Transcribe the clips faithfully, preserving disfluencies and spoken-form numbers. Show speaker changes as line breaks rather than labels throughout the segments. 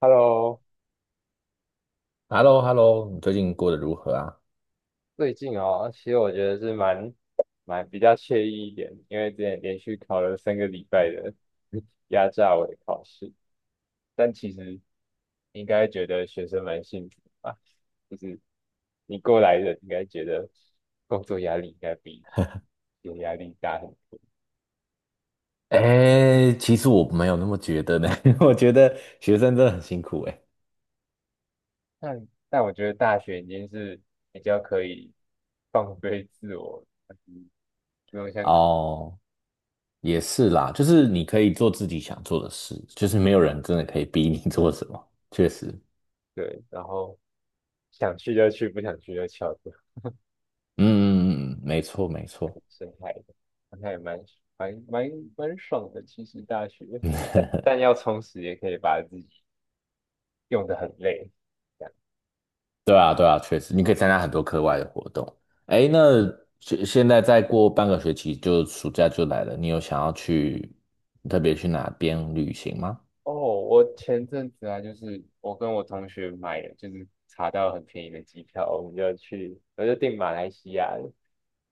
Hello，
h e l l o h e l l o 你最近过得如何啊？
最近哦，其实我觉得是蛮蛮比较惬意一点，因为之前连续考了三个礼拜的 压榨我的考试，但其实应该觉得学生蛮幸福吧，就是你过来人应该觉得工作压力应该比有压力大很多。
哎，其实我没有那么觉得呢，我觉得学生真的很辛苦哎。
但但我觉得大学已经是比较可以放飞自我，嗯不用像
哦，也是啦，就是你可以做自己想做的事，就是没有人真的可以逼你 做什么，确实。
对，然后想去就去，不想去就翘课。
嗯嗯嗯，嗯没错没错。
深海的，那也蛮蛮蛮蛮爽的。其实大学，但要充实也可以把自己用得很累。这样
对啊对啊，确实，你可以参加很多课外的活动。哎，那现现在再过半个学期就暑假就来了，你有想要去特别去哪边旅行吗？
哦，我前阵子啊，就是我跟我同学买了，就是查到很便宜的机票，我们就去，我就订马来西亚了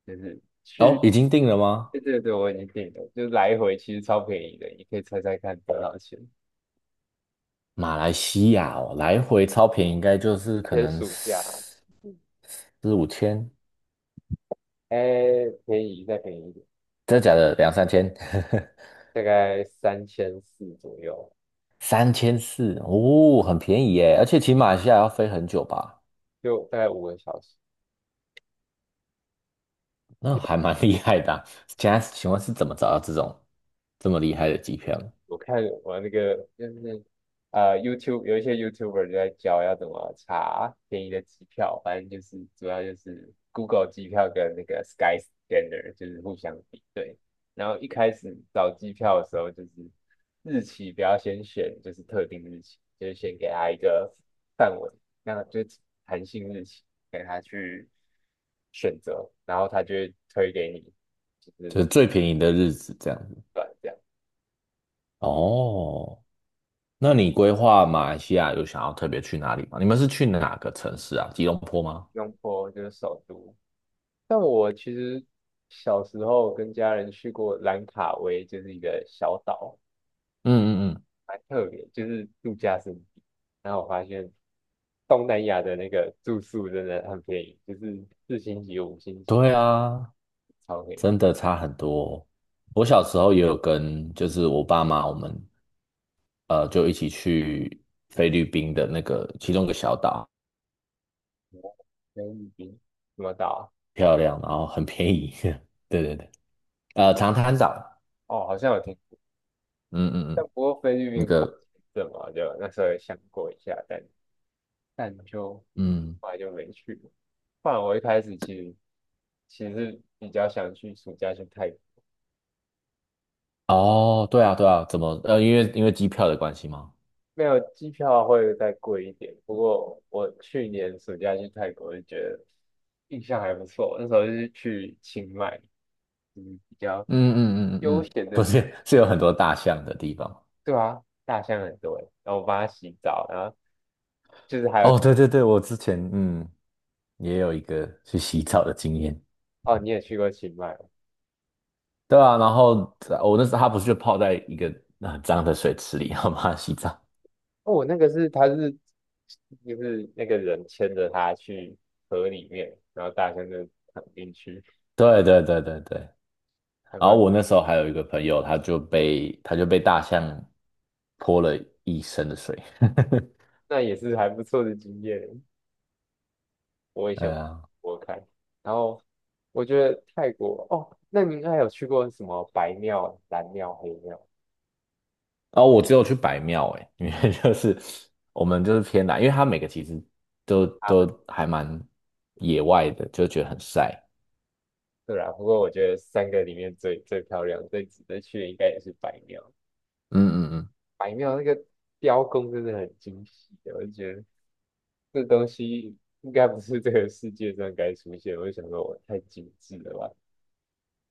就是
哦，
去，
已经定了吗？
对对对，我已经订了，就是来回其实超便宜的，你可以猜猜看多少钱？
马来西亚哦，来回超便宜，应该就是
而
可
且是
能
暑假，
四四五千，
哎，便宜再便宜一点，
真的假的？两三千，
大概三千四左右，
三千四哦，很便宜耶！而且骑马来西亚要飞很久吧？
就大概五个小时。
那还蛮 厉害的啊。现在请问是怎么找到这种这么厉害的机票呢？
我看我那个就是啊 y o u t u b e 有一些 YouTuber 就在教要怎么查便宜的机票，反正就是主要就是 Google 机票跟那个 Skyscanner 就是互相比对。然后一开始找机票的时候，就是日期不要先选，就是特定日期，就是先给他一个范围，那就是弹性日期给他去选择，然后他就会推给你，就是
就是最便宜的日子这样子。
短这样。我
哦，那你规划马来西亚有想要特别去哪里吗？你们是去哪个城市啊？吉隆坡吗？
用过就是首都。但我其实小时候跟家人去过兰卡威，就是一个小岛，
嗯嗯嗯，
蛮特别，就是度假胜地。然后我发现东南亚的那个住宿真的很便宜，就是四星级、五星级，
对啊，
超便宜。
真的差很多。我小时候也有跟，就是我爸妈，我们呃就一起去菲律宾的那个其中一个小岛，
菲律宾什么岛
漂亮，然后很便宜。对对对，呃，长滩岛。
啊哦，好像有听，
嗯嗯
但
嗯，
不过菲律
那
宾不是有
个，
签证嘛，就那时候有想过一下，但但就
嗯。
后来就没去了。不然我一开始其实其实比较想去暑假去泰国。
哦，对啊对啊，怎么？呃，因为因为机票的关系吗？
没有机票会再贵一点，不过我去年暑假去泰国就觉得印象还不错，那时候是去清迈，嗯，比较
嗯嗯嗯嗯
悠
嗯，
闲
不
的，
是，是有很多大象的地方。
对啊，大象很多欸然后我帮它洗澡，然后就是还
哦，
有
对对对，我之前嗯也有一个去洗澡的经验。
哦，你也去过清迈哦，
对啊，然后我那时候他不是就泡在一个很脏的水池里，然后帮他洗澡。
哦我那个是他是就是那个人牵着它去河里面，然后大象就躺进去，
对对对对对，
还
然后
蛮
我那时候还有一个朋友，他就被他就被大象泼了一身的水。
那也是还不错的经验，我也
哎
想
呀，
我看，然后我觉得泰国哦，那你应该有去过什么白庙、蓝庙、黑庙？
然后我只有去白庙哎，因为就是 我们就是偏南，因为它每个其实都都还蛮野外的，就觉得很晒。
对啊，不过我觉得三个里面最最漂亮、最值得去的应该也是白庙。
嗯嗯嗯，
白庙那个雕工真的很精细的，我就觉得这东西应该不是这个世界上该出现。我就想说，我太精致了吧？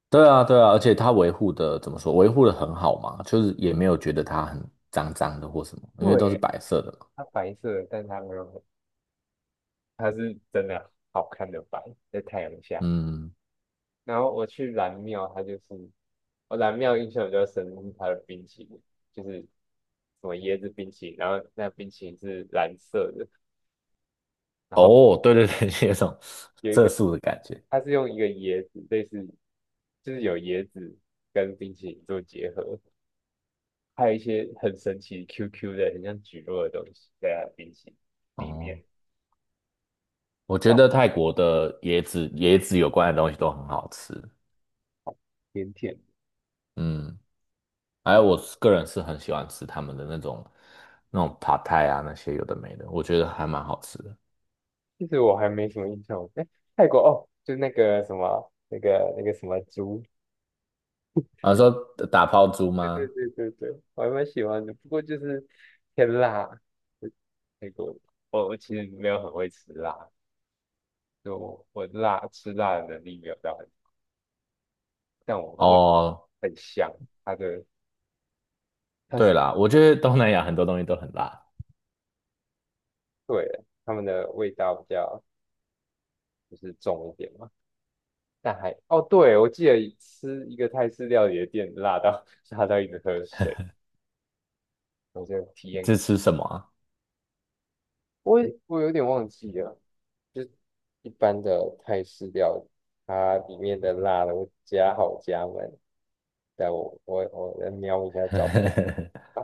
对啊，对啊，而且它维护的怎么说？维护的很好嘛，就是也没有觉得它很脏脏的或什么，因为都是
对，
白色的嘛。
它白色，但它没有很它是真的好看的白，在太阳下。
嗯，
然后我去蓝庙，它就是我蓝庙印象比较深是它的冰淇淋，就是什么椰子冰淇淋，然后那冰淇淋是蓝色的，然后
哦，对对对，有种
有一
色
个
素的感觉。
它是用一个椰子，类似就是有椰子跟冰淇淋做结合，还有一些很神奇 Q Q 的，很像橘蒻的东西在它的冰淇淋里
哦，
面，
我觉得泰国的椰子椰子有关的东西都很好吃。
甜甜的。
嗯，还有我个人是很喜欢吃他们的那种那种 p a 啊，那些有的没的，我觉得还蛮好吃的。
其实我还没什么印象，哎，泰国哦，就那个什么那个那个什么竹
啊，说打泡猪
对对
吗？
对对对，我还蛮喜欢的，不过就是偏辣，那个我我其实没有很会吃辣，就我我辣吃辣的能力没有到很，但我我
哦，
很香，它的它是
对啦，我觉得东南亚很多东西都很辣。
对它们的味道比较就是重一点嘛，但还哦对，我记得吃一个泰式料理的店辣到 辣到一直喝水，我就体验
这
看，
吃什么啊？
我我有点忘记了，就一般的泰式料理，它里面的辣的我加好加满。但我我我来瞄一下照 片，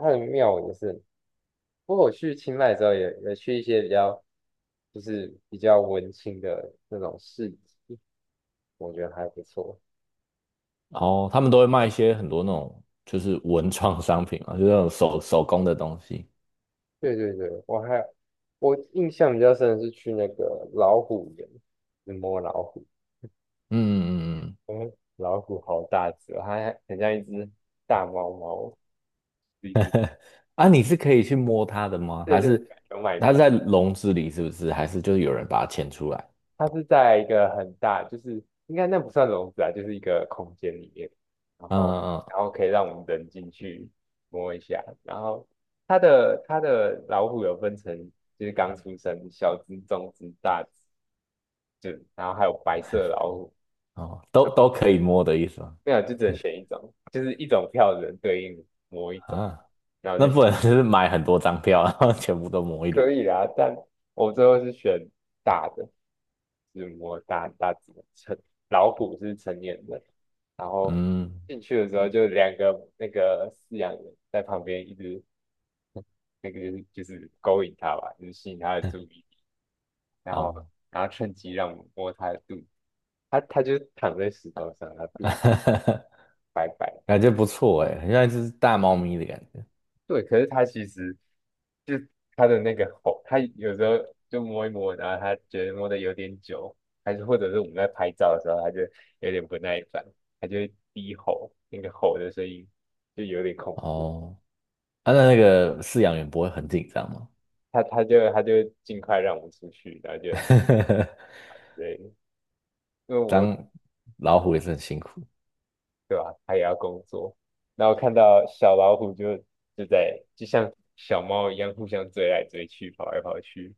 啊它的庙也是，不过我去清迈之后也也去一些比较就是比较文青的那种市集，我觉得还不错。
然后他们都会卖一些很多那种就是文创商品啊，就是那种手手工的东西。
对对对，我还我印象比较深的是去那个老虎园，去摸老虎，
嗯嗯嗯嗯，
嗯，老虎好大只哦，它还很像一只大猫猫，是一只。
啊，你是可以去摸它的吗？
对
还
对，
是
有买
它是
票。
在笼子里，是不是？还是就是有人把它牵出来？
它是在一个很大，就是应该那不算笼子啊，就是一个空间里面，然
嗯
后
嗯
然后可以让我们人进去摸一下，然后它的它的老虎有分成，就是刚出生、小只、中只、大只，就然后还有白色的老虎，
嗯，哦，都都可以摸的意思吗？
没有就只能 选一种，就是一种票只能对应某一种，
啊，
然后就
那不能就是买很多张票，然后全部都摸一轮。
可以啦，但我最后是选大的，是摸大大只的成老虎是成年人，然后
嗯，
进去的时候就两个那个饲养员在旁边一直那个就是就是勾引它吧，就是吸引它的注意力，然后
哦，
然后趁机让我摸它的肚子，它它就躺在石头上，它肚子 白白
感觉不错哎，很像一只大猫咪的感觉。
对，可是它其实就它的那个吼，它有时候就摸一摸，然后它觉得摸的有点久，还是或者是我们在拍照的时候，它就有点不耐烦，它就会低吼，那个吼的声音就有点恐怖，
哦，啊，那那个饲养员不会很紧张吗？
它它就它就尽快让我们出去，然后就 对，因为我
当老虎也是很辛苦。
对吧，它也要工作，然后看到小老虎就就在就像小猫一样互相追来追去，跑来跑去，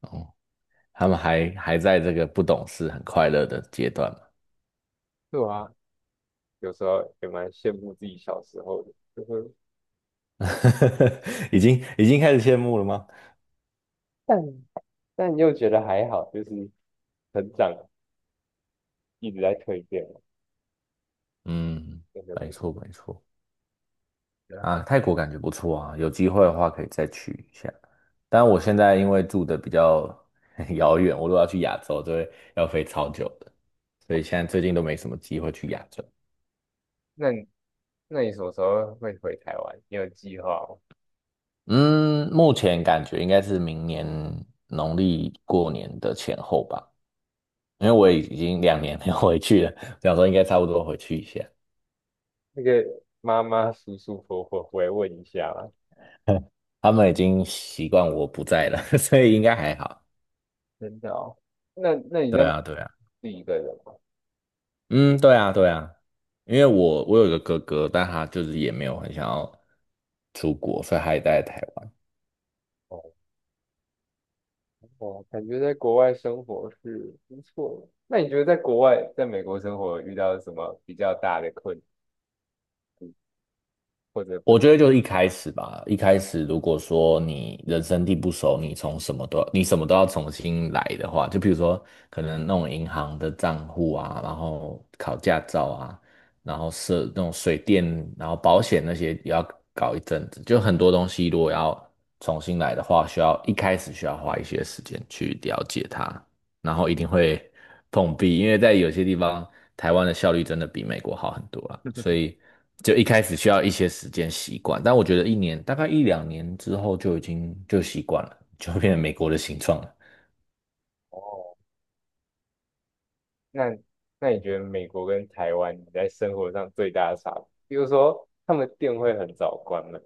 哦，他们还还在这个不懂事、很快乐的阶段
对啊，有时候也蛮羡慕自己小时候的。就是。
嘛。已经已经开始羡慕了吗？
但但又觉得还好，就是成长一直在蜕变嘛，
嗯，
真的不
没
一
错
定。
没错。
对啊
啊，泰国感觉不错啊，有机会的话可以再去一下。但我现在因为住的比较 遥远，我如果要去亚洲，就会要飞超久的，所以现在最近都没什么机会去亚洲。
那你那你什么时候会回台湾？你有计划吗？
嗯，目前感觉应该是明年农历过年的前后吧。因为我已经两年没有回去了，想说应该差不多回去一下。
那个妈妈、舒舒服服回来问一下嘛。
他们已经习惯我不在了，所以应该还好。
真的哦。那那你在
对
自
啊，对啊。
己一个人吗？
嗯，对啊，对啊，因为我我有一个哥哥，但他就是也没有很想要出国，所以他也待在台湾。
哦，哦，感觉在国外生活是不错的那你觉得在国外？在美国生活有遇到什么比较大的困，或者不？
我觉得就是一开始吧，一开始如果说你人生地不熟，你从什么都要，你什么都要重新来的话，就比如说可能弄银行的账户啊，然后考驾照啊，然后设那种水电，然后保险那些也要搞一阵子，就很多东西如果要重新来的话，需要一开始需要花一些时间去了解它。然后一定会碰壁，因为在有些地方，台湾的效率真的比美国好很多啊，所以 就一开始需要一些时间习惯，但我觉得一年大概一两年之后就已经就习惯了，就变成美国的形状了。
哦。那那你觉得美国跟台湾你在生活上最大的差别？比如说他们店会很早关门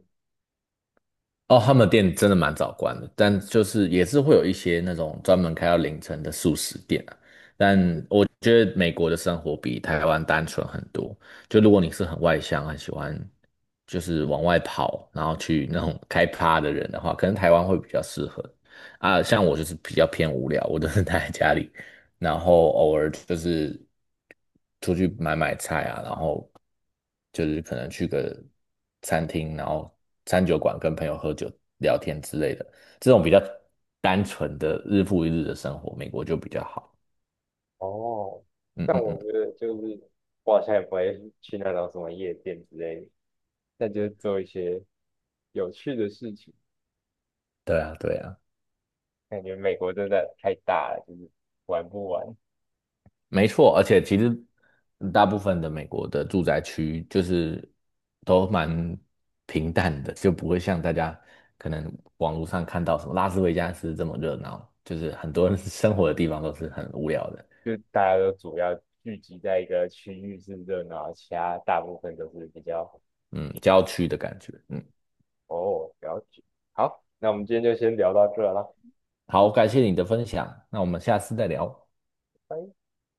哦，他们的店真的蛮早关的，但就是也是会有一些那种专门开到凌晨的素食店啊。但我觉得美国的生活比台湾单纯很多。就如果你是很外向，很喜欢就是往外跑，然后去那种开趴的人的话，可能台湾会比较适合啊。像我就是比较偏无聊，我都是待在家里，然后偶尔就是出去买买菜啊，然后就是可能去个餐厅，然后餐酒馆跟朋友喝酒聊天之类的，这种比较单纯的日复一日的生活，美国就比较好。
哦，
嗯
但
嗯嗯，
我觉得就是我好像也不会去那种什么夜店之类的，那就是做一些有趣的事情。
对啊对啊。
感觉美国真的太大了，就是玩不完，
没错，而且其实大部分的美国的住宅区就是都蛮平淡的，就不会像大家可能网络上看到什么拉斯维加斯这么热闹，就是很多人 生活的地方都是很无聊的。
就大家都主要聚集在一个区域是热闹，其他大部分都是比较
嗯，
一般。
郊区的感觉。嗯，
哦，了解。好，那我们今天就先聊到这了，
好，感谢你的分享，那我们下次再聊。
拜。